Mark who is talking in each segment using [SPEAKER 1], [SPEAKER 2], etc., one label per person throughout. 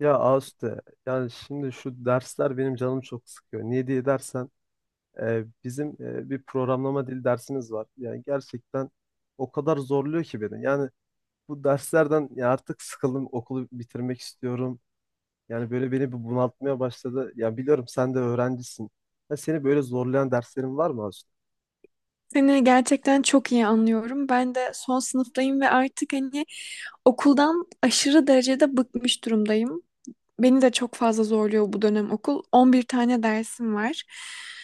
[SPEAKER 1] Ya Ağustos'ta yani şimdi şu dersler benim canım çok sıkıyor. Niye diye dersen bizim bir programlama dili dersimiz var. Yani gerçekten o kadar zorluyor ki beni. Yani bu derslerden ya artık sıkıldım, okulu bitirmek istiyorum. Yani böyle beni bir bunaltmaya başladı. Ya biliyorum sen de öğrencisin. Ya seni böyle zorlayan derslerin var mı Ağustos?
[SPEAKER 2] Seni gerçekten çok iyi anlıyorum. Ben de son sınıftayım ve artık hani okuldan aşırı derecede bıkmış durumdayım. Beni de çok fazla zorluyor bu dönem okul. 11 tane dersim var.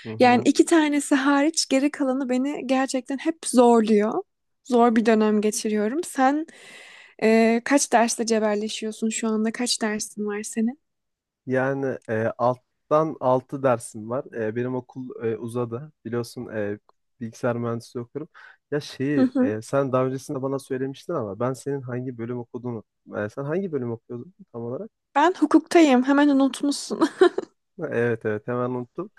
[SPEAKER 1] Hı
[SPEAKER 2] Yani
[SPEAKER 1] hı.
[SPEAKER 2] iki tanesi hariç geri kalanı beni gerçekten hep zorluyor. Zor bir dönem geçiriyorum. Sen kaç derste cebelleşiyorsun şu anda? Kaç dersin var senin?
[SPEAKER 1] Yani alttan 6 dersim var. Benim okul uzadı. Biliyorsun, bilgisayar mühendisliği okuyorum. Ya
[SPEAKER 2] Hı
[SPEAKER 1] şeyi
[SPEAKER 2] hı.
[SPEAKER 1] sen daha öncesinde bana söylemiştin ama ben senin hangi bölüm okuduğunu sen hangi bölüm okuyordun tam olarak?
[SPEAKER 2] Ben hukuktayım. Hemen unutmuşsun.
[SPEAKER 1] Ha, evet, evet, hemen unuttum.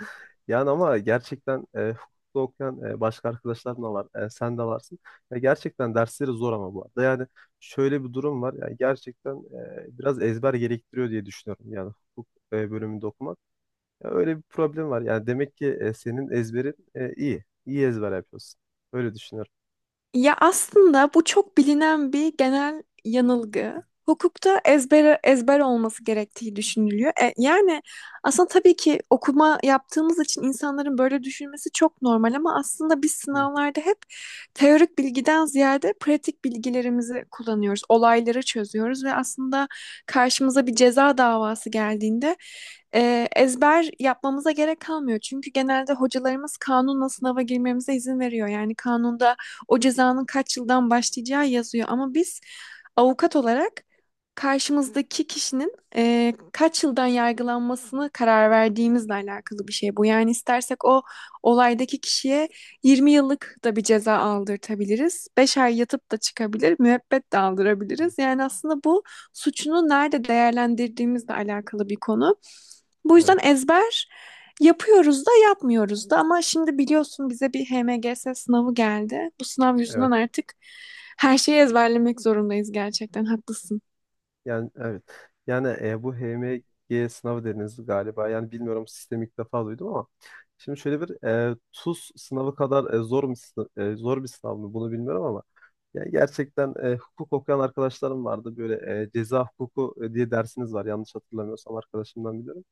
[SPEAKER 1] Yani ama gerçekten hukukta okuyan başka arkadaşlarım da var. E, sen de varsın. Ya gerçekten dersleri zor ama bu arada. Yani şöyle bir durum var. Yani gerçekten biraz ezber gerektiriyor diye düşünüyorum. Yani hukuk bölümünde okumak. Ya öyle bir problem var. Yani demek ki senin ezberin iyi. İyi ezber yapıyorsun. Öyle düşünüyorum.
[SPEAKER 2] Ya aslında bu çok bilinen bir genel yanılgı. Hukukta ezber ezber olması gerektiği düşünülüyor. Yani aslında tabii ki okuma yaptığımız için insanların böyle düşünmesi çok normal ama aslında biz
[SPEAKER 1] Hı,
[SPEAKER 2] sınavlarda hep teorik bilgiden ziyade pratik bilgilerimizi kullanıyoruz. Olayları çözüyoruz ve aslında karşımıza bir ceza davası geldiğinde ezber yapmamıza gerek kalmıyor. Çünkü genelde hocalarımız kanunla sınava girmemize izin veriyor. Yani kanunda o cezanın kaç yıldan başlayacağı yazıyor. Ama biz avukat olarak karşımızdaki kişinin kaç yıldan yargılanmasını karar verdiğimizle alakalı bir şey bu. Yani istersek o olaydaki kişiye 20 yıllık da bir ceza aldırtabiliriz. 5 ay yatıp da çıkabilir, müebbet de aldırabiliriz. Yani aslında bu suçunu nerede değerlendirdiğimizle alakalı bir konu. Bu yüzden
[SPEAKER 1] Evet,
[SPEAKER 2] ezber yapıyoruz da yapmıyoruz da, ama şimdi biliyorsun bize bir HMGS sınavı geldi. Bu sınav yüzünden
[SPEAKER 1] evet.
[SPEAKER 2] artık her şeyi ezberlemek zorundayız, gerçekten haklısın.
[SPEAKER 1] Yani evet. Yani bu HMG sınavı dediniz galiba. Yani bilmiyorum, sistemi ilk defa duydum ama şimdi şöyle bir TUS sınavı kadar zor mu zor bir sınav mı bunu bilmiyorum ama yani gerçekten hukuk okuyan arkadaşlarım vardı. Böyle ceza hukuku diye dersiniz var. Yanlış hatırlamıyorsam arkadaşımdan biliyorum.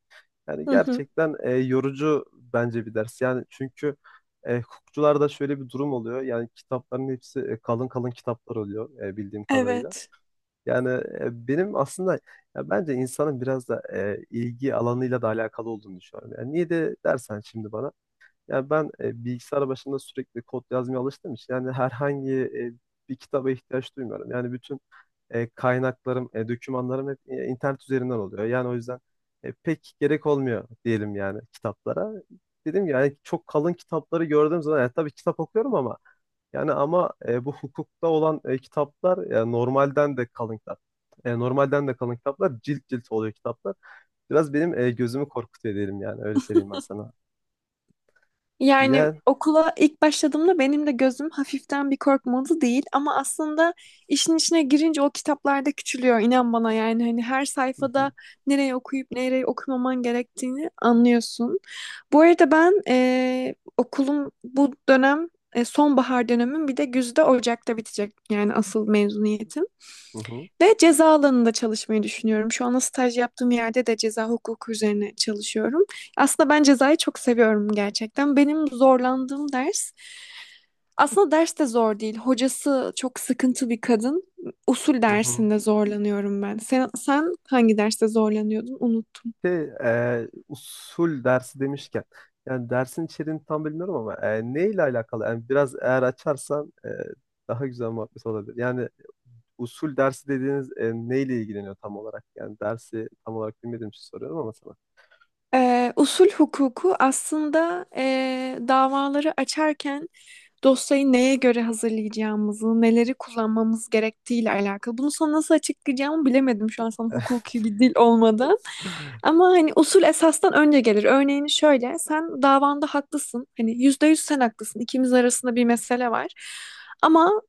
[SPEAKER 1] Yani
[SPEAKER 2] Hı hı.
[SPEAKER 1] gerçekten yorucu bence bir ders. Yani çünkü hukukçularda şöyle bir durum oluyor. Yani kitapların hepsi kalın kalın kitaplar oluyor, bildiğim kadarıyla.
[SPEAKER 2] Evet.
[SPEAKER 1] Yani benim aslında ya bence insanın biraz da ilgi alanıyla da alakalı olduğunu düşünüyorum. Yani niye de dersen şimdi bana. Yani ben bilgisayar başında sürekli kod yazmaya alıştığım için yani herhangi bir kitaba ihtiyaç duymuyorum. Yani bütün kaynaklarım, dokümanlarım hep internet üzerinden oluyor. Yani o yüzden pek gerek olmuyor diyelim yani kitaplara. Dedim ki yani çok kalın kitapları gördüğüm zaman yani tabii kitap okuyorum ama yani ama bu hukukta olan kitaplar yani normalden de kalın kitap. Normalden de kalın kitaplar, cilt cilt oluyor kitaplar. Biraz benim gözümü korkutuyor diyelim, yani öyle söyleyeyim ben sana.
[SPEAKER 2] Yani
[SPEAKER 1] Ya
[SPEAKER 2] okula ilk başladığımda benim de gözüm hafiften bir korkmadı değil, ama aslında işin içine girince o kitaplarda küçülüyor inan bana, yani hani her
[SPEAKER 1] hı
[SPEAKER 2] sayfada
[SPEAKER 1] hı,
[SPEAKER 2] nereye okuyup nereye okumaman gerektiğini anlıyorsun. Bu arada ben okulum bu dönem, sonbahar dönemim bir de güzde Ocak'ta bitecek yani asıl mezuniyetim.
[SPEAKER 1] hı hı,
[SPEAKER 2] Ve ceza alanında çalışmayı düşünüyorum. Şu anda staj yaptığım yerde de ceza hukuku üzerine çalışıyorum. Aslında ben cezayı çok seviyorum gerçekten. Benim zorlandığım ders aslında ders de zor değil. Hocası çok sıkıntı bir kadın. Usul
[SPEAKER 1] hı hı.
[SPEAKER 2] dersinde zorlanıyorum ben. Sen, sen hangi derste zorlanıyordun? Unuttum.
[SPEAKER 1] Şey, usul dersi demişken, yani dersin içeriğini tam bilmiyorum ama neyle alakalı? Yani biraz eğer açarsan daha güzel muhabbet olabilir. Yani usul dersi dediğiniz neyle ilgileniyor tam olarak? Yani dersi tam olarak bilmediğim için soruyorum ama sana.
[SPEAKER 2] Usul hukuku aslında davaları açarken dosyayı neye göre hazırlayacağımızı, neleri kullanmamız gerektiğiyle alakalı. Bunu sana nasıl açıklayacağımı bilemedim şu an sana hukuki bir dil olmadan. Ama hani usul esastan önce gelir. Örneğini şöyle, sen davanda haklısın. Hani %100 sen haklısın. İkimiz arasında bir mesele var. Ama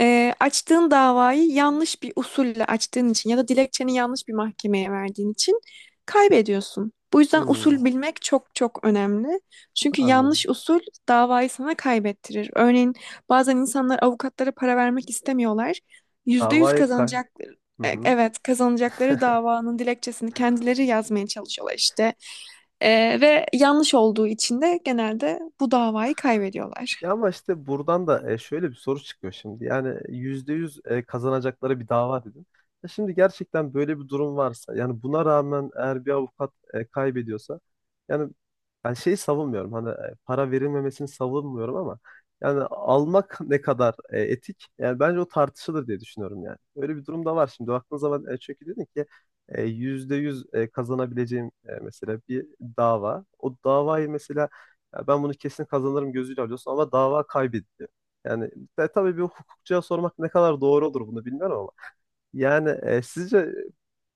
[SPEAKER 2] açtığın davayı yanlış bir usulle açtığın için ya da dilekçeni yanlış bir mahkemeye verdiğin için kaybediyorsun. Bu yüzden
[SPEAKER 1] Hmm,
[SPEAKER 2] usul bilmek çok çok önemli. Çünkü yanlış
[SPEAKER 1] anladım.
[SPEAKER 2] usul davayı sana kaybettirir. Örneğin bazen insanlar avukatlara para vermek istemiyorlar. %100
[SPEAKER 1] Davayı kay.
[SPEAKER 2] kazanacak,
[SPEAKER 1] Hı hı.
[SPEAKER 2] evet kazanacakları davanın dilekçesini kendileri yazmaya çalışıyorlar işte. Ve yanlış olduğu için de genelde bu davayı kaybediyorlar.
[SPEAKER 1] Ya ama işte buradan da şöyle bir soru çıkıyor şimdi. Yani %100 kazanacakları bir dava dedin. Ya şimdi gerçekten böyle bir durum varsa yani buna rağmen eğer bir avukat kaybediyorsa yani ben şeyi savunmuyorum. Hani para verilmemesini savunmuyorum ama yani almak ne kadar etik? Yani bence o tartışılır diye düşünüyorum yani. Öyle bir durum da var şimdi. Baktığın zaman çünkü dedin ki %100 kazanabileceğim mesela bir dava. O davayı mesela ya ben bunu kesin kazanırım gözüyle alıyorsun ama dava kaybediliyor. Yani tabii bir hukukçuya sormak ne kadar doğru olur bunu bilmiyorum ama yani sizce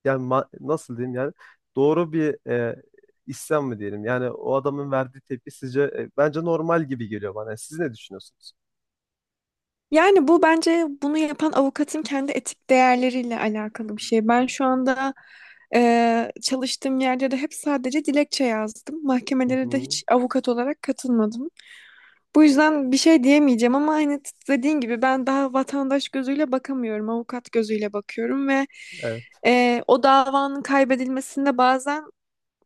[SPEAKER 1] yani nasıl diyeyim yani doğru bir isyan mı diyelim? Yani o adamın verdiği tepki sizce bence normal gibi geliyor bana. Siz ne düşünüyorsunuz?
[SPEAKER 2] Yani bu bence bunu yapan avukatın kendi etik değerleriyle alakalı bir şey. Ben şu anda çalıştığım yerde de hep sadece dilekçe yazdım.
[SPEAKER 1] Hı
[SPEAKER 2] Mahkemelere de
[SPEAKER 1] hı.
[SPEAKER 2] hiç avukat olarak katılmadım. Bu yüzden bir şey diyemeyeceğim ama hani dediğin gibi ben daha vatandaş gözüyle bakamıyorum, avukat gözüyle bakıyorum ve
[SPEAKER 1] Evet,
[SPEAKER 2] o davanın kaybedilmesinde bazen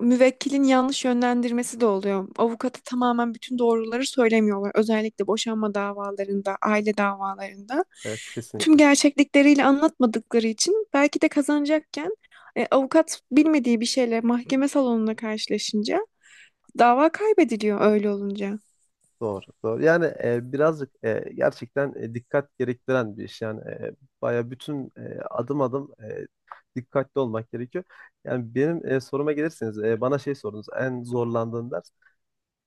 [SPEAKER 2] müvekkilin yanlış yönlendirmesi de oluyor. Avukata tamamen bütün doğruları söylemiyorlar. Özellikle boşanma davalarında, aile davalarında.
[SPEAKER 1] evet,
[SPEAKER 2] Tüm
[SPEAKER 1] kesinlikle.
[SPEAKER 2] gerçeklikleriyle anlatmadıkları için belki de kazanacakken avukat bilmediği bir şeyle mahkeme salonuna karşılaşınca dava kaybediliyor öyle olunca.
[SPEAKER 1] Doğru, doğru. Yani birazcık gerçekten dikkat gerektiren bir iş. Yani baya bütün adım adım dikkatli olmak gerekiyor. Yani benim soruma gelirseniz bana şey sorunuz en zorlandığın ders.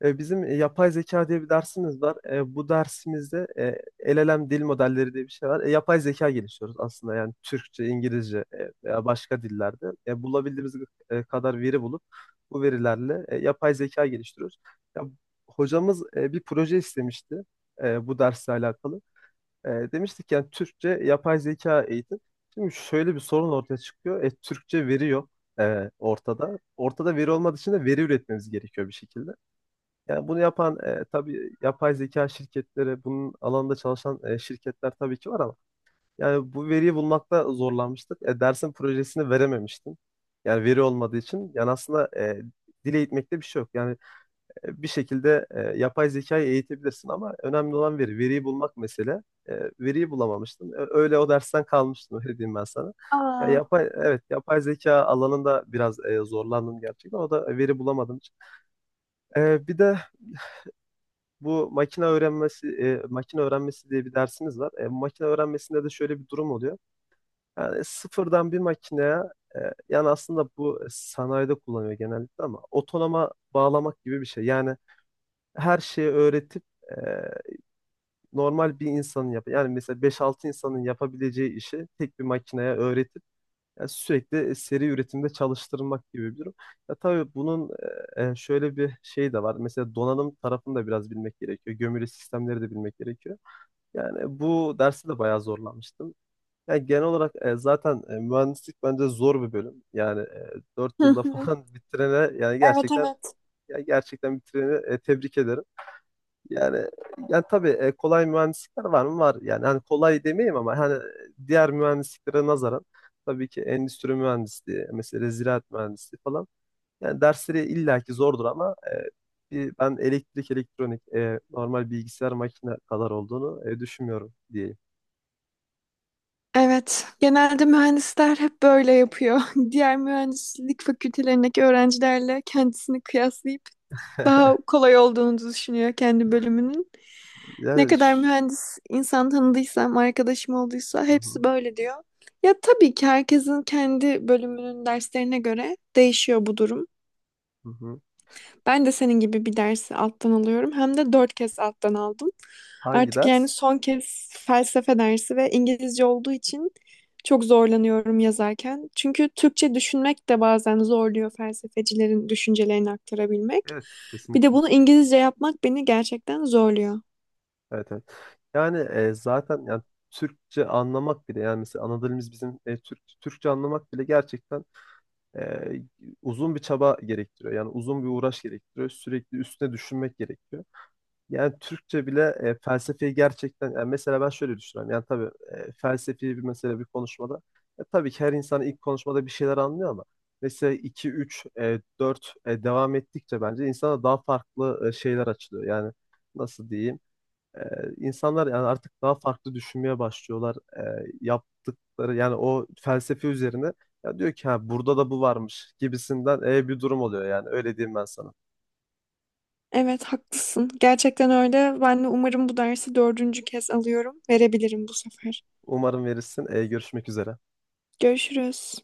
[SPEAKER 1] Bizim yapay zeka diye bir dersimiz var. E, bu dersimizde LLM dil modelleri diye bir şey var. E, yapay zeka geliştiriyoruz aslında yani Türkçe, İngilizce, veya başka dillerde. E, bulabildiğimiz kadar veri bulup bu verilerle yapay zeka geliştiriyoruz. Ya, hocamız bir proje istemişti bu dersle alakalı. E, demiştik yani Türkçe yapay zeka eğitim. Şimdi şöyle bir sorun ortaya çıkıyor. E, Türkçe veri yok ortada. Ortada veri olmadığı için de veri üretmemiz gerekiyor bir şekilde. Yani bunu yapan tabii yapay zeka şirketleri, bunun alanında çalışan şirketler tabii ki var ama yani bu veriyi bulmakta zorlanmıştık. E, dersin projesini verememiştim. Yani veri olmadığı için. Yani aslında dile eğitmekte bir şey yok. Yani bir şekilde yapay zekayı eğitebilirsin ama önemli olan veri. Veriyi bulmak mesele. E, veriyi bulamamıştım. E, öyle o dersten kalmıştım, öyle diyeyim ben sana. Ya
[SPEAKER 2] Aa.
[SPEAKER 1] yapay evet yapay zeka alanında biraz zorlandım gerçekten. O da veri bulamadım. E, bir de bu makine öğrenmesi diye bir dersimiz var. E, makine öğrenmesinde de şöyle bir durum oluyor. Yani sıfırdan bir makineye e, yani aslında bu sanayide kullanıyor genellikle ama otonoma bağlamak gibi bir şey. Yani her şeyi öğretip e, normal bir insanın yani mesela beş altı insanın yapabileceği işi tek bir makineye öğretip yani sürekli seri üretimde çalıştırmak gibi bir durum. Ya tabii bunun şöyle bir şey de var. Mesela donanım tarafını da biraz bilmek gerekiyor. Gömülü sistemleri de bilmek gerekiyor. Yani bu derste de bayağı zorlanmıştım. Yani genel olarak zaten mühendislik bence zor bir bölüm. Yani 4
[SPEAKER 2] Hı
[SPEAKER 1] yılda
[SPEAKER 2] hı.
[SPEAKER 1] falan bitirene yani
[SPEAKER 2] Evet,
[SPEAKER 1] gerçekten
[SPEAKER 2] evet.
[SPEAKER 1] ya gerçekten bitireni tebrik ederim. Yani yani tabii kolay mühendislikler var mı? Var. Yani hani kolay demeyeyim ama hani diğer mühendisliklere nazaran tabii ki endüstri mühendisliği, mesela ziraat mühendisliği falan. Yani dersleri illaki zordur ama ben elektrik, elektronik, normal bilgisayar makine kadar olduğunu düşünmüyorum, diyeyim.
[SPEAKER 2] Evet, genelde mühendisler hep böyle yapıyor. Diğer mühendislik fakültelerindeki öğrencilerle kendisini kıyaslayıp daha kolay olduğunu düşünüyor kendi bölümünün. Ne
[SPEAKER 1] Yani
[SPEAKER 2] kadar
[SPEAKER 1] ş-
[SPEAKER 2] mühendis insan tanıdıysam, arkadaşım olduysa
[SPEAKER 1] Hı
[SPEAKER 2] hepsi
[SPEAKER 1] hı,
[SPEAKER 2] böyle diyor. Ya tabii ki herkesin kendi bölümünün derslerine göre değişiyor bu durum.
[SPEAKER 1] hı hı.
[SPEAKER 2] Ben de senin gibi bir dersi alttan alıyorum. Hem de dört kez alttan aldım.
[SPEAKER 1] Hangi
[SPEAKER 2] Artık yani
[SPEAKER 1] ders?
[SPEAKER 2] son kez felsefe dersi ve İngilizce olduğu için çok zorlanıyorum yazarken. Çünkü Türkçe düşünmek de bazen zorluyor felsefecilerin düşüncelerini aktarabilmek.
[SPEAKER 1] Evet,
[SPEAKER 2] Bir de
[SPEAKER 1] kesinlikle.
[SPEAKER 2] bunu İngilizce yapmak beni gerçekten zorluyor.
[SPEAKER 1] Evet, evet. Yani zaten yani Türkçe anlamak bile yani mesela ana dilimiz bizim Türkçe anlamak bile gerçekten e, uzun bir çaba gerektiriyor. Yani uzun bir uğraş gerektiriyor. Sürekli üstüne düşünmek gerekiyor. Yani Türkçe bile felsefeyi gerçekten yani mesela ben şöyle düşünüyorum. Yani tabii felsefi bir mesele bir konuşmada tabii ki her insan ilk konuşmada bir şeyler anlıyor ama mesela 2 3 4 devam ettikçe bence insana daha farklı şeyler açılıyor. Yani nasıl diyeyim? E, insanlar yani artık daha farklı düşünmeye başlıyorlar. E, yaptıkları yani o felsefe üzerine ya diyor ki ha burada da bu varmış gibisinden bir durum oluyor yani öyle diyeyim ben sana.
[SPEAKER 2] Evet, haklısın. Gerçekten öyle. Ben de umarım bu dersi dördüncü kez alıyorum. Verebilirim bu sefer.
[SPEAKER 1] Umarım verirsin. E, görüşmek üzere.
[SPEAKER 2] Görüşürüz.